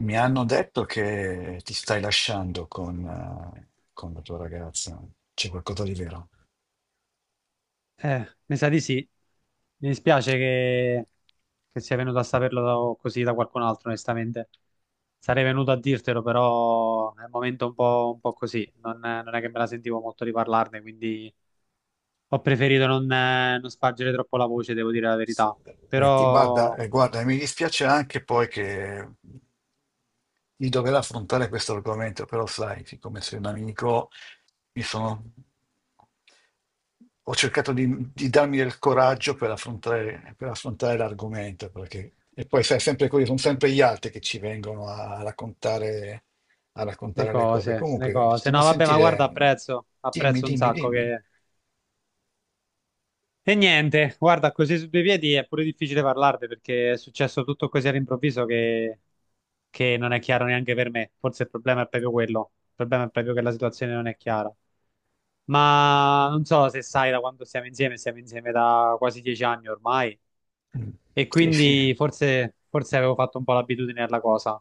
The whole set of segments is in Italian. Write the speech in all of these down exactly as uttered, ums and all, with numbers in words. Mi hanno detto che ti stai lasciando con, eh, con la tua ragazza. C'è qualcosa di vero? Eh, mi sa di sì. Mi dispiace che, che sia venuto a saperlo così da qualcun altro, onestamente. Sarei venuto a dirtelo, però è un momento un po', un po' così. Non, non è che me la sentivo molto di parlarne, quindi ho preferito non, eh, non spargere troppo la voce, devo dire la verità. E ti guarda, Però eh, guarda, mi dispiace anche poi che di dover affrontare questo argomento, però sai, siccome sei un amico, mi sono... ho cercato di, di darmi del coraggio per affrontare, per affrontare l'argomento, perché... E poi sai, sempre così, sono sempre gli altri che ci vengono a raccontare, a le raccontare le cose. cose, le Comunque, cose. stiamo a No, vabbè, ma guarda, sentire... apprezzo, Dimmi, apprezzo un dimmi, sacco dimmi. che... E niente, guarda, così su due piedi è pure difficile parlarne perché è successo tutto così all'improvviso che... che non è chiaro neanche per me. Forse il problema è proprio quello. Il problema è proprio che la situazione non è chiara. Ma non so se sai da quando siamo insieme, siamo insieme da quasi dieci anni ormai. Mm. E Sì, sì. quindi forse, forse avevo fatto un po' l'abitudine alla cosa.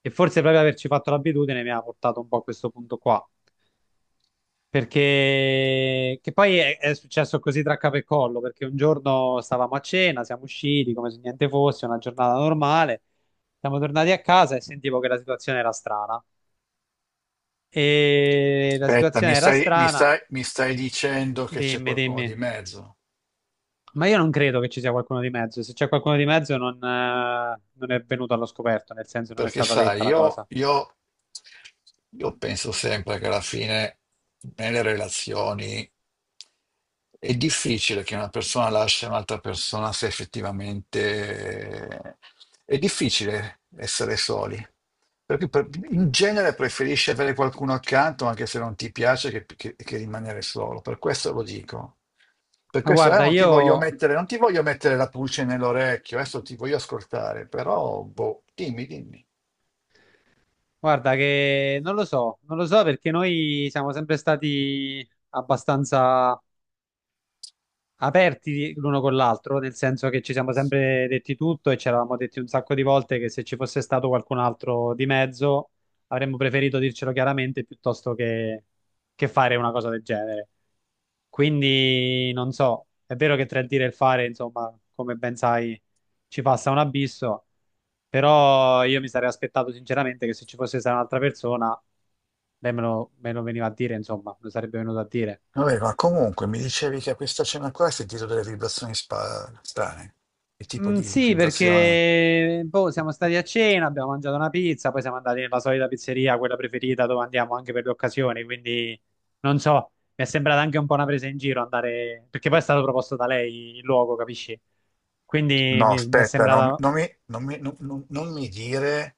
E forse proprio averci fatto l'abitudine mi ha portato un po' a questo punto qua. Perché che poi è, è successo così tra capo e collo, perché un giorno stavamo a cena, siamo usciti come se niente fosse, una giornata normale, siamo tornati a casa e sentivo che la situazione era strana. E la Aspetta, situazione mi era stai, mi strana. stai, mi stai dicendo che c'è Dimmi, qualcuno di dimmi. mezzo? Ma io non credo che ci sia qualcuno di mezzo. Se c'è qualcuno di mezzo, non, eh, non è venuto allo scoperto, nel senso non è Perché stata sai, detta la io, cosa. io, io penso sempre che alla fine nelle relazioni è difficile che una persona lasci un'altra persona se effettivamente è difficile essere soli. Perché per- in genere preferisci avere qualcuno accanto anche se non ti piace che, che- che rimanere solo. Per questo lo dico. Per Ma questo eh, guarda, non ti voglio io, mettere, non ti voglio mettere la pulce nell'orecchio, adesso ti voglio ascoltare, però boh, dimmi, dimmi. guarda che non lo so, non lo so perché noi siamo sempre stati abbastanza aperti l'uno con l'altro, nel senso che ci siamo sempre detti tutto e ci eravamo detti un sacco di volte che se ci fosse stato qualcun altro di mezzo avremmo preferito dircelo chiaramente piuttosto che, che fare una cosa del genere. Quindi non so, è vero che tra il dire e il fare, insomma, come ben sai, ci passa un abisso, però io mi sarei aspettato sinceramente che se ci fosse stata un'altra persona, lei me lo, me lo veniva a dire, insomma, me lo sarebbe venuto a dire. Vabbè, ma comunque mi dicevi che a questa cena qua hai sentito delle vibrazioni spa- strane. Che tipo Mm, di sì, vibrazione? perché boh, siamo stati a cena, abbiamo mangiato una pizza, poi siamo andati nella solita pizzeria, quella preferita dove andiamo anche per le occasioni, quindi non so, mi è sembrata anche un po' una presa in giro andare, perché poi è stato proposto da lei il luogo, capisci? Quindi No, mi, mi è aspetta, non, sembrata, non mi, non mi- non- non- non mi dire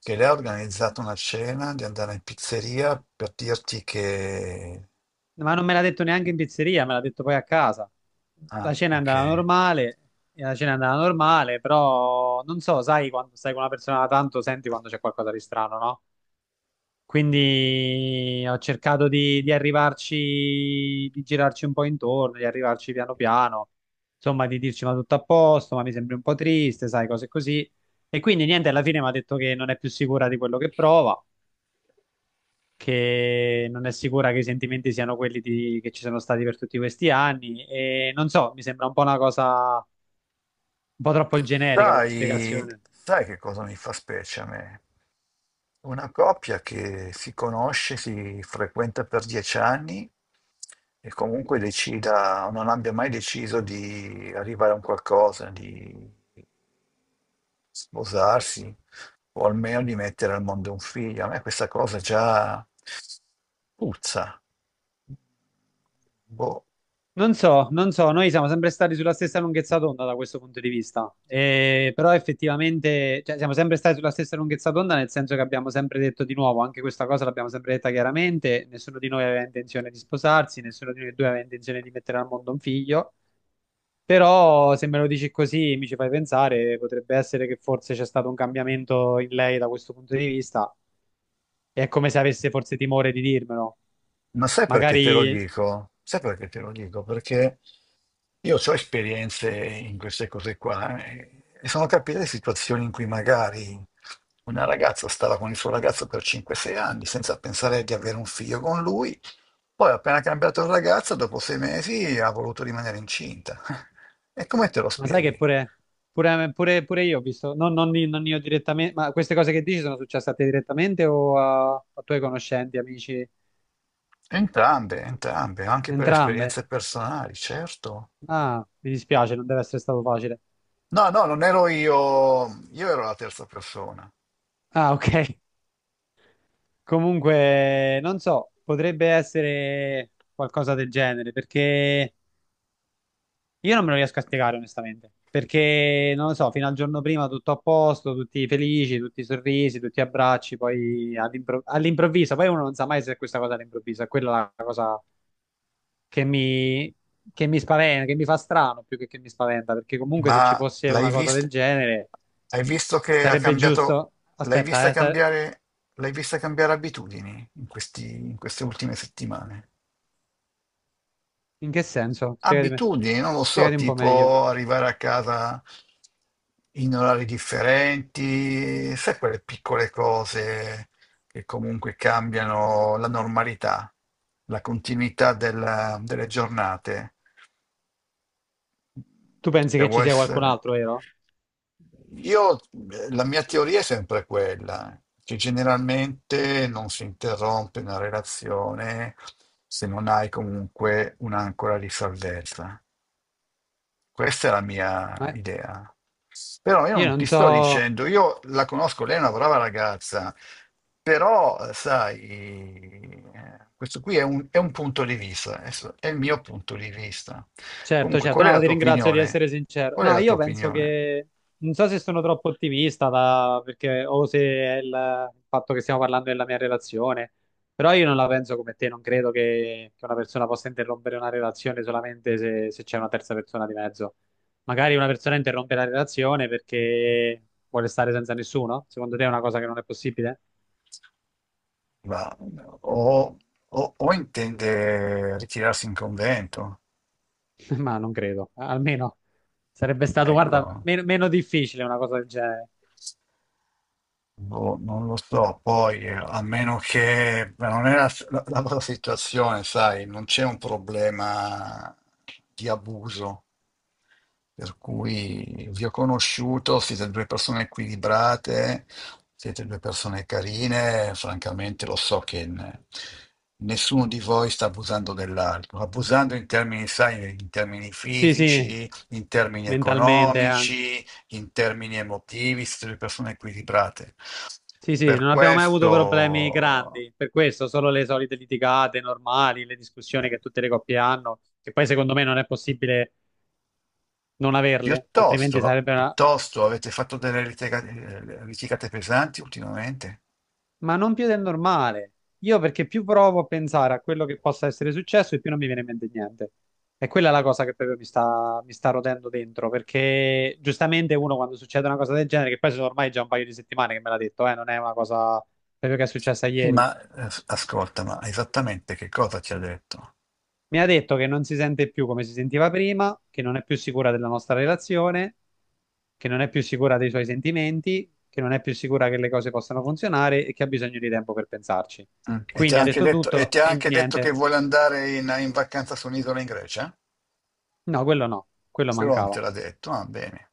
che lei ha organizzato una cena di andare in pizzeria per dirti che... ma non me l'ha detto neanche in pizzeria, me l'ha detto poi a casa. La Ah, cena è ok. andata normale, e la cena è andata normale, però non so, sai quando stai con una persona da tanto, senti quando c'è qualcosa di strano, no? Quindi ho cercato di, di arrivarci, di girarci un po' intorno, di arrivarci piano piano, insomma, di dirci ma tutto a posto, ma mi sembri un po' triste, sai, cose così. E quindi niente, alla fine mi ha detto che non è più sicura di quello che prova, che non è sicura che i sentimenti siano quelli di- che ci sono stati per tutti questi anni. E non so, mi sembra un po' una cosa un po' troppo generica come Sai, spiegazione. sai che cosa mi fa specie a me? Una coppia che si conosce, si frequenta per dieci anni e comunque decida, non abbia mai deciso di arrivare a un qualcosa, di sposarsi o almeno di mettere al mondo un figlio. A me questa cosa già puzza. Boh. Non so, non so, noi siamo sempre stati sulla stessa lunghezza d'onda da questo punto di vista. Eh, però effettivamente, cioè, siamo sempre stati sulla stessa lunghezza d'onda nel senso che abbiamo sempre detto di nuovo, anche questa cosa l'abbiamo sempre detta chiaramente, nessuno di noi aveva intenzione di sposarsi, nessuno di noi due aveva intenzione di mettere al mondo un figlio, però se me lo dici così mi ci fai pensare, potrebbe essere che forse c'è stato un cambiamento in lei da questo punto di vista, è come se avesse forse timore di dirmelo Ma sai perché te lo magari. dico? Sai perché te lo dico? Perché io ho esperienze in queste cose qua eh, e sono capite situazioni in cui magari una ragazza stava con il suo ragazzo per cinque o sei anni senza pensare di avere un figlio con lui, poi appena cambiato ragazza, dopo sei mesi ha voluto rimanere incinta. E come te lo Ma sai che spieghi? pure, pure- pure- pure io ho visto, no, non, non io direttamente, ma queste cose che dici sono successe a te direttamente o a, a tuoi conoscenti, amici? Entrambe, entrambe, anche per Entrambe? esperienze personali, certo. Ah, mi dispiace, non deve essere stato facile. No, no, non ero io, io ero la terza persona. Ah, ok. Comunque, non so, potrebbe essere qualcosa del genere, perché io non me lo riesco a spiegare onestamente, perché non lo so, fino al giorno prima tutto a posto, tutti felici, tutti sorrisi, tutti abbracci, poi all'impro- all'improvviso, poi uno non sa mai se è questa cosa all'improvviso, è quella la cosa che mi, che mi spaventa, che mi fa strano più che che mi spaventa, perché comunque Ma se ci fosse l'hai una cosa del visto? genere Hai visto che ha sarebbe cambiato? giusto... L'hai Aspetta, vista eh, sa- cambiare? L'hai vista cambiare abitudini in questi- in queste ultime settimane? in che senso? Spiegatemi, Abitudini, non lo so, spiegati un po' meglio. tipo arrivare a casa in orari differenti, sai quelle piccole cose che comunque cambiano la normalità, la continuità del- delle giornate. Tu pensi che Devo ci sia qualcun essere. altro, vero? Io, eh, la mia teoria è sempre quella, che generalmente non si interrompe una relazione se non hai comunque un'ancora di salvezza. Questa è la mia Ma idea. Però io io non non ti sto so... dicendo, io la conosco, lei è una brava ragazza, però eh, sai, eh, questo qui è un, è un punto di vista, adesso è il mio punto di vista. Certo, Comunque, certo, qual è no, la ti tua ringrazio di opinione? essere sincero. Qual è No, la tua io penso opinione? che non so se sono troppo ottimista da- perché, o se è il, il fatto che stiamo parlando della mia relazione, però io non la penso come te, non credo che, che, una persona possa interrompere una relazione solamente se, se c'è una terza persona di mezzo. Magari una persona interrompe la relazione perché vuole stare senza nessuno? Secondo te è una cosa che non è possibile? Ma- o, o- o intende ritirarsi in convento? Ma non credo, almeno sarebbe stato, Ecco. guarda, meno meno difficile una cosa del genere. Boh, non lo so, poi eh, a meno che ma non è la, la- la tua situazione, sai, non c'è un problema di abuso. Per cui vi ho conosciuto, siete due persone equilibrate, siete due persone carine, francamente lo so che n- nessuno di voi sta abusando dell'altro, abusando in termini, sai, in termini Sì, sì, fisici, in termini mentalmente anche. economici, in termini emotivi, siete due persone equilibrate. Sì, sì, Per non abbiamo mai avuto problemi questo, grandi, per questo solo le solite litigate normali, le discussioni eh, che tutte le coppie hanno, che poi secondo me non è possibile non averle, altrimenti piuttosto, sarebbe una... piuttosto avete fatto delle litiga- eh, litigate pesanti ultimamente? Ma non più del normale. Io perché più provo a pensare a quello che possa essere successo e più non mi viene in mente niente. E quella è la cosa che proprio mi sta, mi sta rotendo dentro, perché giustamente uno quando succede una cosa del genere, che poi sono ormai già un paio di settimane che me l'ha detto, eh, non è una cosa proprio che è successa Sì, ieri. ma eh, ascolta, ma esattamente che cosa ti ha detto? Mi ha detto che non si sente più come si sentiva prima, che non è più sicura della nostra relazione, che non è più sicura dei suoi sentimenti, che non è più sicura che le cose possano funzionare e che ha bisogno di tempo per pensarci. Mm. E ti Quindi ha ha anche detto detto, e tutto ti ha e anche detto che niente. vuole andare in, in vacanza su un'isola in Grecia? No, quello no, quello Quello non te mancava. l'ha detto? Ah, bene,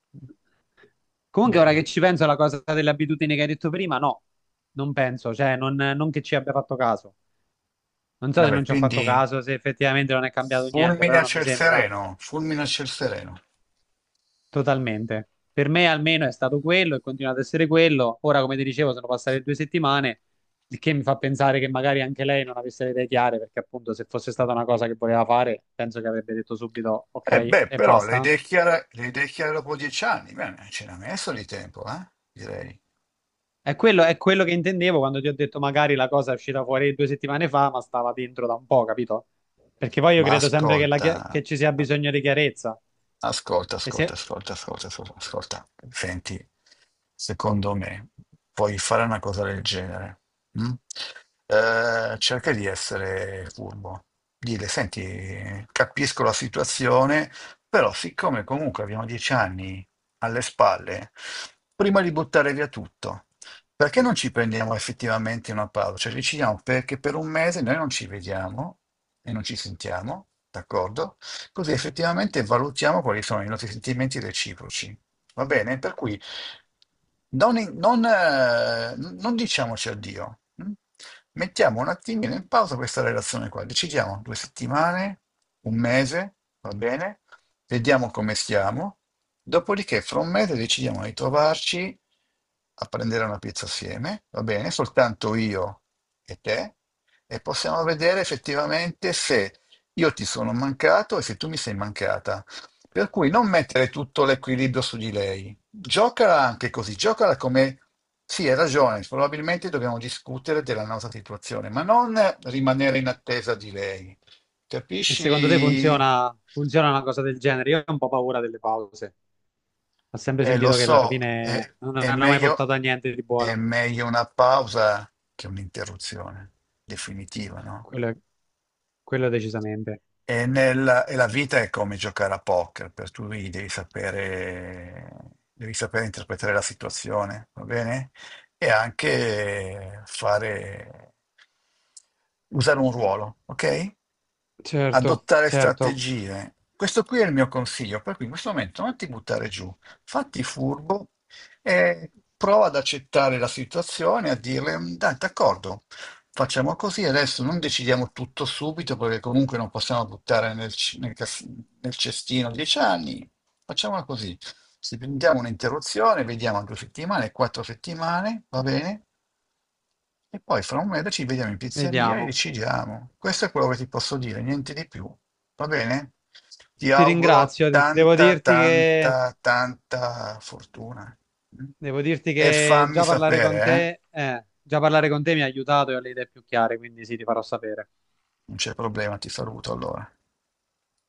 Comunque, ora che bene. ci penso alla cosa delle abitudini che hai detto prima, no, non penso, cioè non, non che ci abbia fatto caso. Non so se Vabbè, non ci ho fatto quindi caso, se effettivamente non è cambiato niente, fulmine però a non mi ciel sembra. sereno, fulmine a ciel sereno. Totalmente. Per me almeno è stato quello e continua ad essere quello. Ora, come ti dicevo, sono passate due settimane, il che mi fa pensare che magari anche lei non avesse le idee chiare, perché appunto se fosse stata una cosa che voleva fare, penso che avrebbe detto subito ok Eh beh, e però le basta. idee chiare, le idee chiare dopo dieci anni, bene, ce n'ha messo di tempo, eh? Direi. È quello, è quello che intendevo quando ti ho detto magari la cosa è uscita fuori due settimane fa, ma stava dentro da un po', capito? Perché poi io Ma credo sempre che, la chia- ascolta, che ci sia bisogno di chiarezza. ascolta, E ascolta, se ascolta, ascolta, ascolta, ascolta. Senti, secondo me puoi fare una cosa del genere. Mm? Eh, cerca di essere furbo. Dile, senti, capisco la situazione, però siccome comunque abbiamo dieci anni alle spalle, prima di buttare via tutto, perché non ci prendiamo effettivamente una pausa? Cioè, decidiamo perché per un mese noi non ci vediamo e non ci sentiamo, d'accordo? Così effettivamente valutiamo quali sono i nostri sentimenti reciproci. Va bene? Per cui non, non, eh, non diciamoci addio. Mm? Mettiamo un attimino in pausa questa relazione qua. Decidiamo due settimane, un mese, va bene? Vediamo come stiamo. Dopodiché, fra un mese decidiamo di trovarci a prendere una pizza assieme, va bene? Soltanto io e te, e possiamo vedere effettivamente se io ti sono mancato e se tu mi sei mancata. Per cui non mettere tutto l'equilibrio su di lei. Giocala anche così, giocala come... Sì, hai ragione, probabilmente dobbiamo discutere della nostra situazione, ma non rimanere in attesa di lei. e secondo te Capisci? funziona, funziona una cosa del genere? Io ho un po' paura delle pause. Ho sempre Eh, lo sentito che alla so, è, fine non è hanno mai meglio, portato a niente di è buono. meglio una pausa che un'interruzione definitiva, no? Quello, quello decisamente. E, nel- e la vita è come giocare a poker, per cui devi sapere, devi sapere interpretare la situazione, va bene? E anche fare, usare un ruolo, ok? Certo, Adottare certo. strategie. Questo qui è il mio consiglio, per cui in questo momento non ti buttare giù, fatti furbo e prova ad accettare la situazione, a dirle, "Mm, dai, d'accordo, facciamo così, adesso non decidiamo tutto subito, perché comunque non possiamo buttare nel, c- nel cas- nel cestino dieci anni, facciamola così. Se prendiamo un'interruzione, vediamo due settimane, quattro settimane, va bene? E poi fra un mese ci vediamo in pizzeria e Vediamo. decidiamo. Questo è quello che ti posso dire, niente di più. Va bene? Ti Ti auguro ringrazio. Devo tanta, dirti che, tanta, tanta fortuna. devo dirti E che fammi già parlare sapere, con eh? te, eh, già parlare con te mi ha aiutato e ho le idee più chiare, quindi sì, ti farò sapere. Non c'è problema, ti saluto allora.